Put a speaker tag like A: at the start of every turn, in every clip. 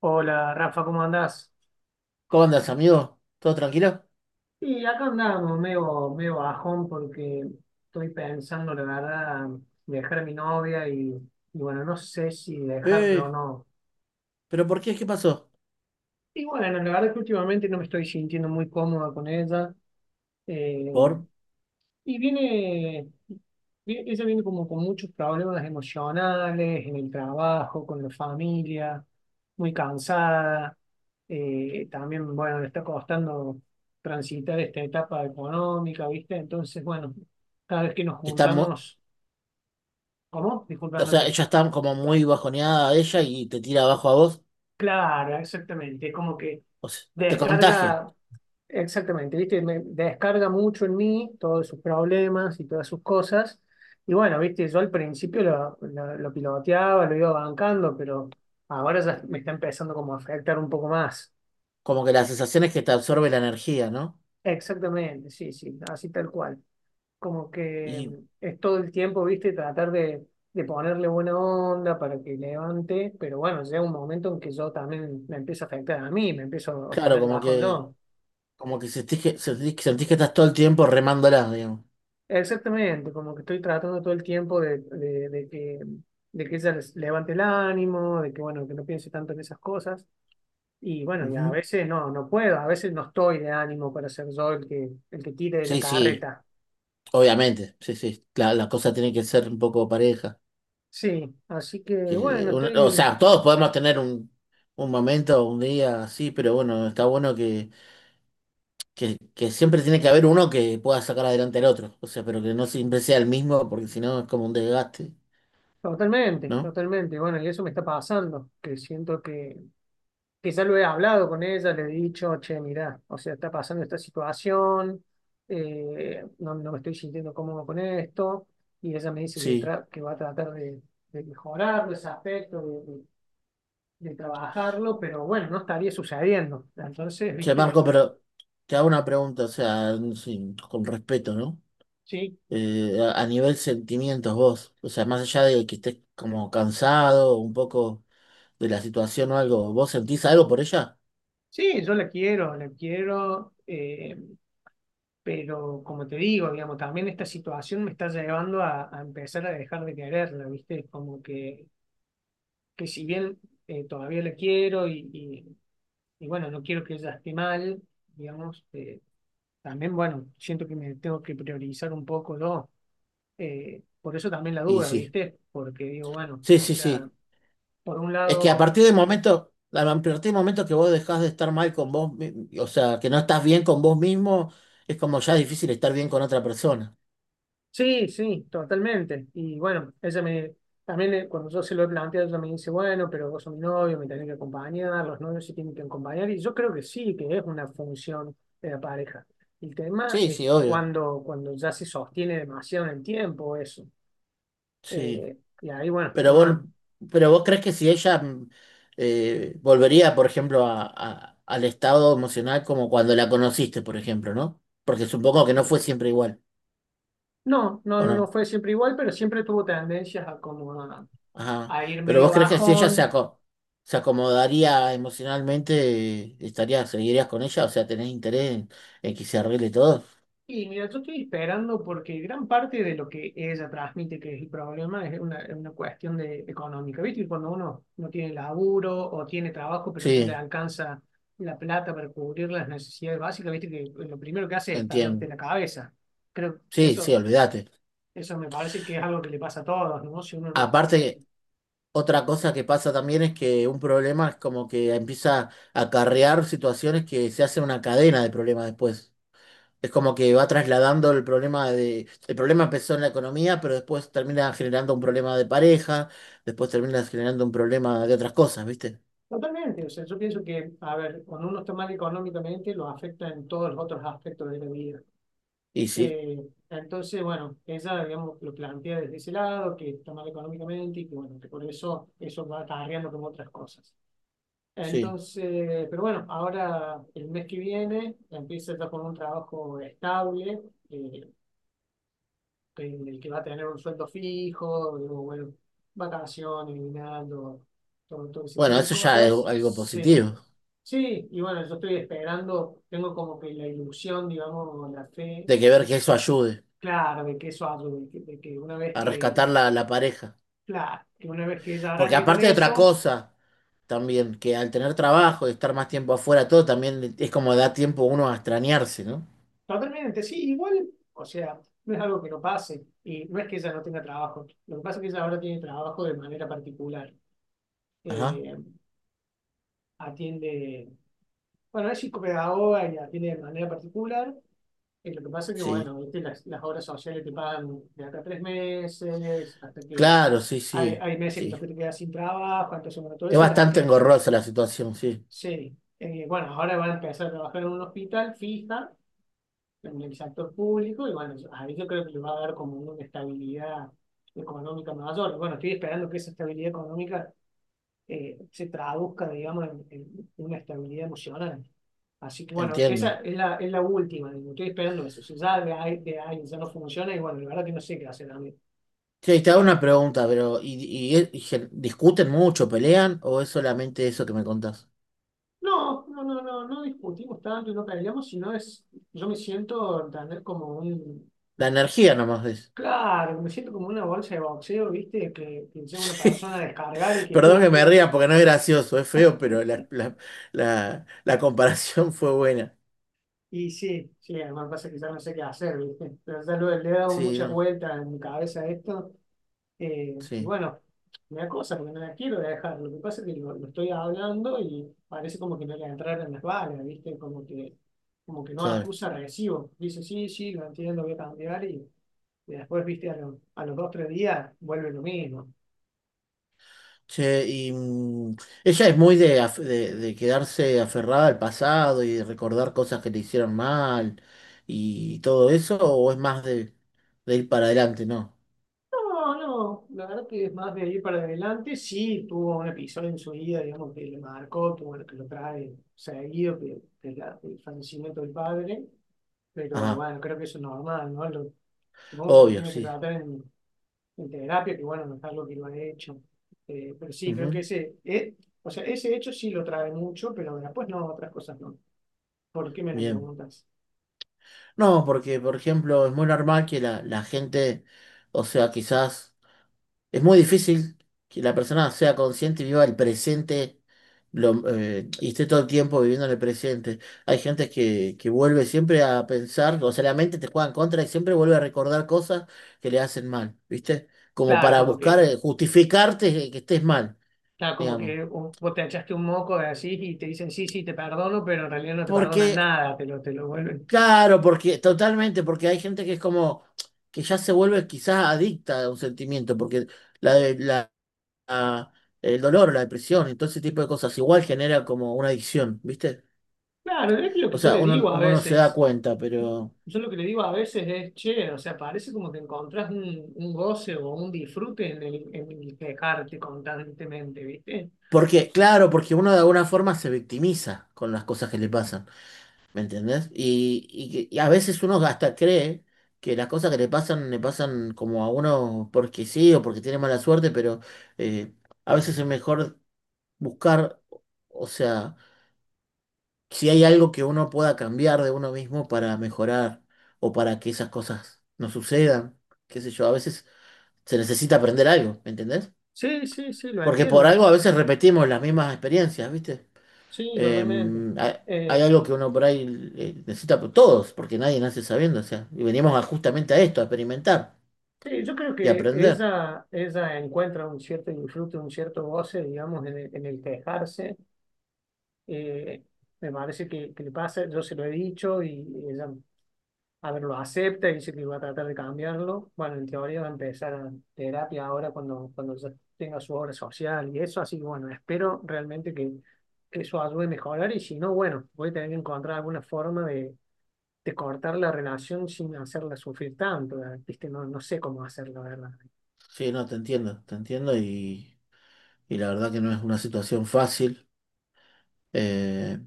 A: Hola Rafa, ¿cómo andás?
B: ¿Cómo andas, amigo? ¿Todo tranquilo?
A: Y acá andamos, medio bajón porque estoy pensando, la verdad, dejar a mi novia y, bueno, no sé si dejarlo o
B: Eh,
A: no.
B: ¿Pero por qué? ¿Qué pasó?
A: Y bueno, la verdad que últimamente no me estoy sintiendo muy cómoda con ella. Eh,
B: ¿Por?
A: Y viene, ella viene como con muchos problemas emocionales, en el trabajo, con la familia, muy cansada. También, bueno, le está costando transitar esta etapa económica, ¿viste? Entonces, bueno, cada vez que nos
B: Está muy,
A: juntamos, ¿cómo? Disculpa,
B: o
A: no
B: sea,
A: te-
B: ella está como muy bajoneada ella y te tira abajo a vos.
A: Claro, exactamente. Como que
B: O sea, te contagia.
A: descarga, exactamente, ¿viste? Me descarga mucho en mí todos sus problemas y todas sus cosas. Y bueno, ¿viste? Yo al principio lo piloteaba, lo iba bancando, pero ahora ya me está empezando como a afectar un poco más.
B: Como que la sensación es que te absorbe la energía, ¿no?
A: Exactamente, sí, sí, así tal cual. Como que
B: Y
A: es todo el tiempo, ¿viste? Tratar de ponerle buena onda para que levante, pero bueno, llega un momento en que yo también me empiezo a afectar a mí, me empiezo a
B: claro,
A: poner
B: como
A: bajo
B: que,
A: yo.
B: como que sentís que sentís que estás todo el tiempo remándola, digamos.
A: Exactamente, como que estoy tratando todo el tiempo de que ella levante el ánimo, de que bueno, que no piense tanto en esas cosas. Y bueno, y a
B: Ujú.
A: veces no, no puedo, a veces no estoy de ánimo para ser yo el que tire de la
B: Sí, sí,
A: carreta.
B: obviamente. Sí, sí. La cosa tiene que ser un poco pareja.
A: Sí, así que bueno,
B: O
A: estoy
B: sea, todos podemos tener un momento, un día así, pero bueno, está bueno que siempre tiene que haber uno que pueda sacar adelante al otro. O sea, pero que no siempre sea el mismo, porque si no es como un desgaste,
A: totalmente,
B: ¿no?
A: totalmente. Bueno, y eso me está pasando, que siento que quizá lo he hablado con ella, le he dicho, che, mirá, o sea, está pasando esta situación, no, no me estoy sintiendo cómodo con esto, y ella me dice que,
B: Sí.
A: que va a tratar de mejorarlo, ese aspecto, de trabajarlo, pero bueno, no estaría sucediendo. Entonces,
B: Che, Marco,
A: viste,
B: pero te hago una pregunta, o sea, con respeto, ¿no?
A: sí,
B: A nivel sentimientos vos, o sea, más allá de que estés como cansado un poco de la situación o algo, ¿vos sentís algo por ella?
A: sí, yo la quiero, la quiero. Pero como te digo, digamos, también esta situación me está llevando a empezar a dejar de quererla, ¿viste? Como que si bien todavía la quiero y bueno, no quiero que ella esté mal, digamos, también, bueno, siento que me tengo que priorizar un poco yo. Por eso también la
B: Y
A: duda,
B: sí.
A: ¿viste? Porque digo, bueno,
B: Sí,
A: o
B: sí, sí.
A: sea, por un
B: Es que a
A: lado
B: partir del momento, a partir del momento que vos dejás de estar mal con vos, o sea, que no estás bien con vos mismo, es como ya difícil estar bien con otra persona.
A: sí, sí, totalmente. Y bueno, ella me, también cuando yo se lo he planteado, ella me dice, bueno, pero vos sos mi novio, me tenés que acompañar, los novios se tienen que acompañar, y yo creo que sí, que es una función de la pareja. El tema
B: Sí,
A: es
B: sí, obvio.
A: cuando ya se sostiene demasiado en el tiempo eso.
B: Sí.
A: Y ahí, bueno,
B: Pero vos,
A: uno,
B: pero vos crees que si ella volvería, por ejemplo, al estado emocional como cuando la conociste, por ejemplo, ¿no? Porque supongo que no
A: eh,
B: fue siempre igual, ¿o
A: no
B: no?
A: fue siempre igual, pero siempre tuvo tendencias a como
B: Ajá.
A: a ir
B: Pero
A: medio
B: vos crees que si ella
A: bajón.
B: se acomodaría emocionalmente, estaría seguirías con ella, o sea, tenés interés en que se arregle todo.
A: Y mira, yo estoy esperando porque gran parte de lo que ella transmite que es el problema es es una cuestión de, económica, ¿viste? Y cuando uno no tiene laburo o tiene trabajo pero no le
B: Sí,
A: alcanza la plata para cubrir las necesidades básicas, ¿viste? Que lo primero que hace es tallarte
B: entiendo.
A: la cabeza. Creo que
B: Sí, sí,
A: eso,
B: olvídate.
A: eso me parece que es algo que le pasa a todos, ¿no? Si uno no está
B: Aparte,
A: bien.
B: otra cosa que pasa también es que un problema es como que empieza a acarrear situaciones que se hace una cadena de problemas después. Es como que va trasladando el problema de... El problema empezó en la economía, pero después termina generando un problema de pareja, después termina generando un problema de otras cosas, ¿viste?
A: Totalmente, o sea, yo pienso que, a ver, cuando uno está mal económicamente lo afecta en todos los otros aspectos de la vida.
B: Y sí,
A: Entonces, bueno, ella, digamos, lo plantea desde ese lado, que está mal económicamente y que, bueno, que por eso eso va acarreando como otras cosas.
B: sí.
A: Entonces, pero bueno, ahora el mes que viene empieza ya con un trabajo estable, eh, en el que va a tener un sueldo fijo, digo, bueno, vacaciones, guinaldo, todo, todo ese
B: Bueno,
A: tipo de
B: eso ya es
A: cosas.
B: algo
A: Sí,
B: positivo,
A: sí, y bueno, yo estoy esperando, tengo como que la ilusión, digamos, la fe.
B: de que ver que eso ayude
A: Claro, de que eso algo, de que una vez
B: a
A: que,
B: rescatar la pareja.
A: claro, que una vez que ella
B: Porque
A: arranque con
B: aparte de otra
A: eso,
B: cosa, también, que al tener trabajo y estar más tiempo afuera, todo también es como da tiempo uno a extrañarse, ¿no?
A: totalmente, sí, igual, o sea, no es algo que no pase, y no es que ella no tenga trabajo, lo que pasa es que ella ahora tiene trabajo de manera particular,
B: Ajá,
A: eh, atiende, bueno, es psicopedagoga y atiende de manera particular, y lo que pasa es que,
B: sí.
A: bueno, viste, las obras sociales te pagan de acá a 3 meses, hasta que
B: Claro, sí,
A: hay,
B: sí,
A: hay meses en los
B: sí.
A: que te quedas sin trabajo, entonces, bueno, todo
B: Es
A: eso le
B: bastante
A: afecta.
B: engorrosa la situación, sí,
A: Sí, bueno, ahora van a empezar a trabajar en un hospital fija, en el sector público, y bueno, ahí yo creo que les va a dar como una estabilidad económica mayor. Bueno, estoy esperando que esa estabilidad económica se traduzca, digamos, en una estabilidad emocional. Así que bueno, esa
B: entiendo.
A: es la última, digo, estoy esperando eso. Si ya de ahí ya no funciona, y bueno, la verdad que no sé qué hacer a mí.
B: Sí, te hago
A: Eh,
B: una pregunta, pero ¿discuten mucho, pelean o es solamente eso que me contás?
A: no discutimos tanto y no peleamos, sino es, yo me siento, entender, como un
B: La energía nomás es.
A: claro, me siento como una bolsa de boxeo, ¿viste? Que soy una persona a descargar y que
B: Perdón
A: pum,
B: que me
A: pum,
B: ría
A: pum.
B: porque no es gracioso, es feo, pero la comparación fue buena.
A: Y sí, sí, además pasa que ya no sé qué hacer, ¿viste? Pero ya le he dado
B: Sí,
A: muchas
B: no,
A: vueltas en mi cabeza a esto. Y
B: sí,
A: bueno, me da cosa porque no la quiero dejar. Lo que pasa es que lo estoy hablando y parece como que no le entraron las balas, ¿viste? Como que no
B: claro.
A: acusa recibo. Dice, sí, sí, lo entiendo, lo voy a cambiar. Y después, ¿viste? A, a los dos, tres días vuelve lo mismo.
B: Che, y ella es muy de, de quedarse aferrada al pasado y de recordar cosas que le hicieron mal y todo eso, o es más de ir para adelante, ¿no?
A: No, no, la verdad que es más de ahí para adelante. Sí, tuvo un episodio en su vida, digamos, que le marcó, que bueno, que lo trae seguido, que el fallecimiento del padre, pero
B: Ajá,
A: bueno, creo que eso es normal, ¿no? Lo, supongo que lo
B: obvio,
A: tiene que
B: sí.
A: tratar en terapia, que bueno, no es algo que lo ha hecho. Pero sí, creo que
B: Ujú,
A: ese, o sea, ese hecho sí lo trae mucho, pero después no, otras cosas no. ¿Por qué me lo
B: bien.
A: preguntas?
B: No, porque, por ejemplo, es muy normal que la gente, o sea, quizás. Es muy difícil que la persona sea consciente y viva el presente y esté todo el tiempo viviendo en el presente. Hay gente que vuelve siempre a pensar, o sea, la mente te juega en contra y siempre vuelve a recordar cosas que le hacen mal, ¿viste? Como
A: Claro,
B: para
A: como
B: buscar,
A: que
B: justificarte que estés mal,
A: claro, como
B: digamos.
A: que vos te echaste un moco de así y te dicen, sí, sí, te perdono, pero en realidad no te perdonan
B: Porque,
A: nada, te lo vuelven.
B: claro, porque, totalmente, porque hay gente que es como, que ya se vuelve quizás adicta a un sentimiento, porque la la- el dolor, la depresión y todo ese tipo de cosas. Igual genera como una adicción, ¿viste?
A: Claro, es que lo que
B: O
A: yo
B: sea,
A: le
B: uno,
A: digo a
B: uno no se da
A: veces,
B: cuenta, pero...
A: yo lo que le digo a veces es, che, o sea, parece como que encontrás un goce o un disfrute en el quejarte constantemente, ¿viste?
B: Porque, claro, porque uno de alguna forma se victimiza con las cosas que le pasan, ¿me entendés? Y a veces uno hasta cree que las cosas que le pasan como a uno porque sí o porque tiene mala suerte, pero eh, a veces es mejor buscar, o sea... si hay algo que uno pueda cambiar de uno mismo para mejorar o para que esas cosas no sucedan, qué sé yo, a veces se necesita aprender algo, ¿me entendés?
A: Sí, sí, sí, lo
B: Porque por
A: entiendo.
B: algo a veces repetimos las mismas experiencias, ¿viste?
A: Sí,
B: Eh,
A: totalmente.
B: hay, hay
A: Eh,
B: algo que uno por ahí necesita, por todos, porque nadie nace sabiendo, o sea, y justamente a esto, a experimentar
A: sí, yo creo
B: y
A: que
B: aprender.
A: ella encuentra un cierto disfrute, un cierto goce, digamos, en el quejarse. Eh, Me parece que le pasa, yo se lo he dicho y ella, a ver, lo acepta y dice que va a tratar de cambiarlo. Bueno, en teoría va a empezar a terapia ahora cuando, cuando ya tenga su obra social y eso, así que bueno, espero realmente que, eso ayude a mejorar y si no, bueno, voy a tener que encontrar alguna forma de cortar la relación sin hacerla sufrir tanto, ¿viste? No, no sé cómo hacerlo, la verdad.
B: Sí, no, te entiendo y la verdad que no es una situación fácil. Eh,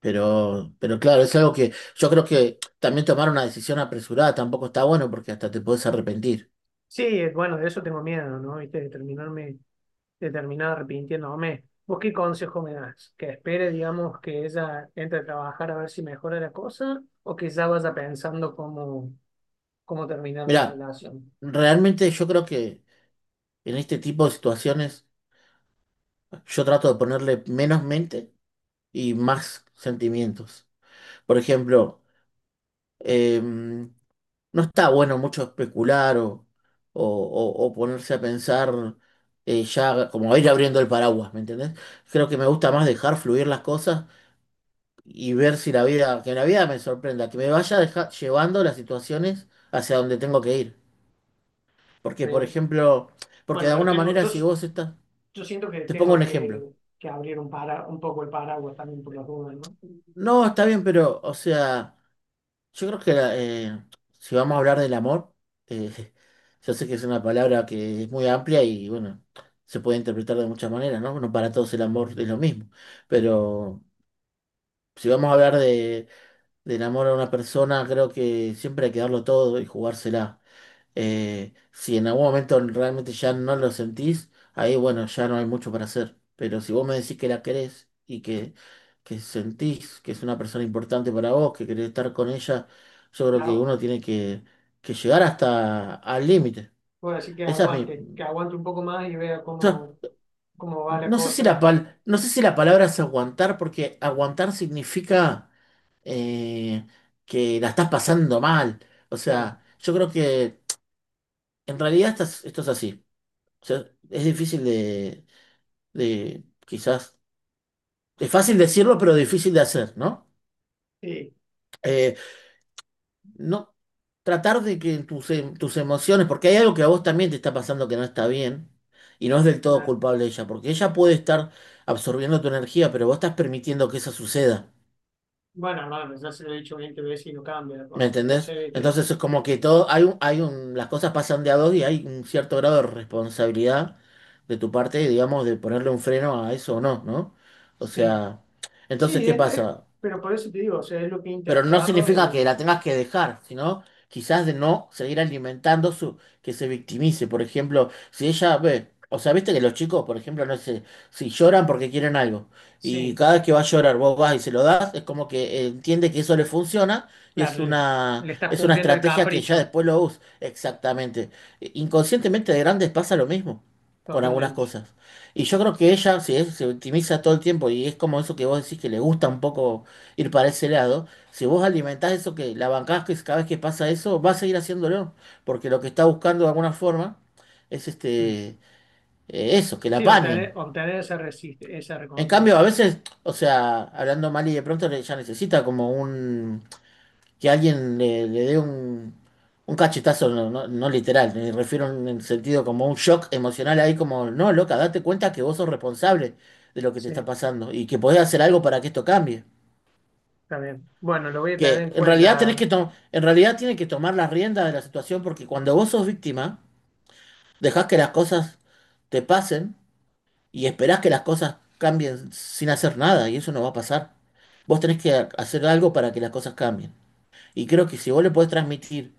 B: Pero claro, es algo que yo creo que también tomar una decisión apresurada tampoco está bueno porque hasta te puedes arrepentir.
A: Sí, es- bueno, de eso tengo miedo, ¿no? ¿Viste? De terminarme, de terminar arrepintiéndome. ¿Vos qué consejo me das? ¿Que espere, digamos, que ella entre a trabajar a ver si mejora la cosa o que ya vaya pensando cómo, cómo terminar la
B: Mira,
A: relación?
B: realmente yo creo que en este tipo de situaciones yo trato de ponerle menos mente y más sentimientos. Por ejemplo, em, no está bueno mucho especular o ponerse a pensar ya como ir abriendo el paraguas, ¿me entendés? Creo que me gusta más dejar fluir las cosas y ver si la vida, que la vida me sorprenda, que me vaya llevando las situaciones hacia donde tengo que ir. Porque, por
A: Bien.
B: ejemplo, porque
A: Bueno,
B: de
A: pero
B: alguna
A: tengo,
B: manera
A: yo,
B: si vos estás,
A: yo siento que
B: te pongo
A: tengo
B: un ejemplo.
A: que abrir un, para, un poco el paraguas también por las dudas, ¿no?
B: No, está bien, pero, o sea, yo creo que si vamos a hablar del amor, eh, yo sé que es una palabra que es muy amplia y bueno, se puede interpretar de muchas maneras, ¿no? No para todos el amor es lo mismo, pero si vamos a hablar de, del amor a una persona, creo que siempre hay que darlo todo y jugársela. Si en algún momento realmente ya no lo sentís, ahí bueno, ya no hay mucho para hacer. Pero si vos me decís que la querés y que sentís que es una persona importante para vos, que querés estar con ella, yo creo que
A: Claro,
B: uno tiene que llegar hasta al límite.
A: puedo decir
B: Esa es mi...
A: que aguante un poco más y vea
B: Yo
A: cómo, cómo va la cosa.
B: no sé si la palabra es aguantar, porque aguantar significa eh, que la estás pasando mal. O
A: Claro,
B: sea, yo creo que en esto es así. O sea, es difícil de quizás, es fácil decirlo, pero difícil de hacer, ¿no?
A: sí,
B: Eh, no, tratar de que tus, tus emociones, porque hay algo que a vos también te está pasando que no está bien, y no es del todo
A: claro.
B: culpable ella, porque ella puede estar absorbiendo tu energía, pero vos estás permitiendo que eso suceda,
A: Bueno, no, ya se lo he dicho 20 veces y no cambia la
B: ¿me
A: cosa.
B: entendés?
A: Entonces, este,
B: Entonces es como que todo, las cosas pasan de a dos y hay un cierto grado de responsabilidad de tu parte, digamos, de ponerle un freno a eso o no, ¿no? O
A: sí,
B: sea, entonces,
A: sí,
B: ¿qué pasa?
A: pero por eso te digo, o sea, es lo que he
B: Pero no
A: intentado
B: significa que
A: y
B: la tengas que dejar, sino quizás de no seguir alimentando su, que se victimice. Por ejemplo, si ella ve, o sea, viste que los chicos, por ejemplo, no sé, si lloran porque quieren algo, y
A: sí,
B: cada vez que va a llorar vos vas y se lo das, es como que entiende que eso le funciona y
A: claro,
B: es
A: le,
B: una,
A: le estás
B: es una
A: cumpliendo el
B: estrategia que ya
A: capricho
B: después lo usa. Exactamente. E, inconscientemente de grandes pasa lo mismo con algunas
A: totalmente.
B: cosas. Y yo creo que ella, si es- se victimiza todo el tiempo y es como eso que vos decís que le gusta un poco ir para ese lado, si vos alimentás eso, que la bancás que cada vez que pasa eso, va a seguir haciéndolo, porque lo que está buscando de alguna forma es
A: Es-
B: eso, que la
A: sí,
B: apañen.
A: obtener, obtener esa, resiste, esa
B: En cambio,
A: recompensa.
B: a veces, o sea, hablando mal y de pronto ya necesita como un que alguien le dé un cachetazo, no literal, me refiero en el sentido como un shock emocional ahí como, no, loca, date cuenta que vos sos responsable de lo que te
A: Sí,
B: está pasando y que podés hacer algo para que esto cambie.
A: está bien. Bueno, lo voy a tener
B: Que
A: en
B: en realidad
A: cuenta.
B: en realidad tiene que tomar las riendas de la situación porque cuando vos sos víctima, dejás que las cosas te pasen y esperás que las cosas cambien sin hacer nada y eso no va a pasar. Vos tenés que hacer algo para que las cosas cambien. Y creo que si vos le podés transmitir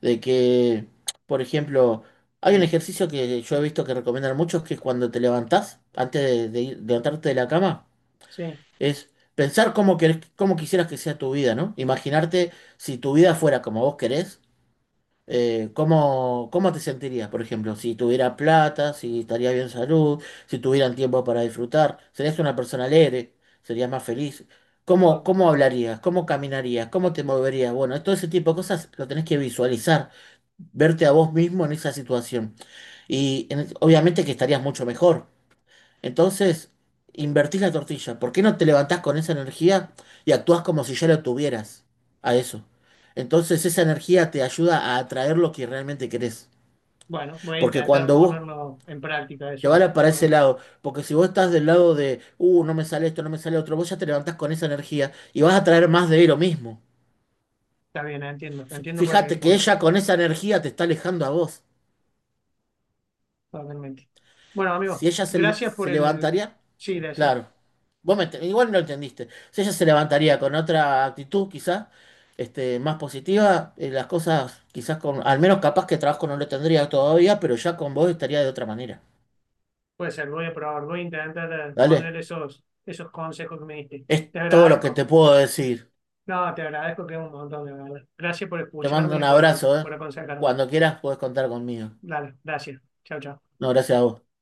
B: de que, por ejemplo, hay un
A: eh,
B: ejercicio que yo he visto que recomiendan muchos que es cuando te levantás, antes de, de levantarte de la cama,
A: Sí,
B: es pensar cómo querés, cómo quisieras que sea tu vida, ¿no? Imaginarte si tu vida fuera como vos querés, cómo, cómo te sentirías, por ejemplo, si tuviera plata, si estaría bien salud, si tuvieran tiempo para disfrutar, serías una persona alegre, serías más feliz. ¿Cómo,
A: ah,
B: cómo hablarías? ¿Cómo caminarías? ¿Cómo te moverías? Bueno, todo ese tipo de cosas lo tenés que visualizar, verte a vos mismo en esa situación. Y obviamente que estarías mucho mejor. Entonces, invertís la tortilla. ¿Por qué no te levantás con esa energía y actúas como si ya la tuvieras a eso? Entonces, esa energía te ayuda a atraer lo que realmente querés.
A: bueno, voy a
B: Porque
A: intentar
B: cuando vos
A: ponerlo en práctica
B: te vas
A: eso.
B: para ese
A: Vale,
B: lado, porque si vos estás del lado de, no me sale esto, no me sale otro, vos ya te levantás con esa energía y vas a traer más de lo mismo.
A: está bien, entiendo, entiendo cuál es el
B: Fíjate que
A: punto.
B: ella con esa energía te está alejando a vos.
A: Totalmente. Bueno, amigo,
B: Si ella
A: gracias por
B: se
A: el...
B: levantaría,
A: Sí, decime.
B: claro, igual no entendiste. Si ella se levantaría con otra actitud, quizás, este, más positiva, las cosas, quizás con, al menos capaz que trabajo no lo tendría todavía, pero ya con vos estaría de otra manera.
A: Puede ser, lo voy a probar, voy a intentar poner
B: Dale,
A: esos, esos consejos que me diste.
B: es
A: Te
B: todo lo que te
A: agradezco.
B: puedo decir.
A: No, te agradezco que es un montón de verdad. Gracias por
B: Te mando
A: escucharme
B: un
A: y
B: abrazo, ¿eh?
A: por aconsejarme.
B: Cuando quieras, podés contar conmigo.
A: Dale, gracias. Chao, chao.
B: No, gracias a vos.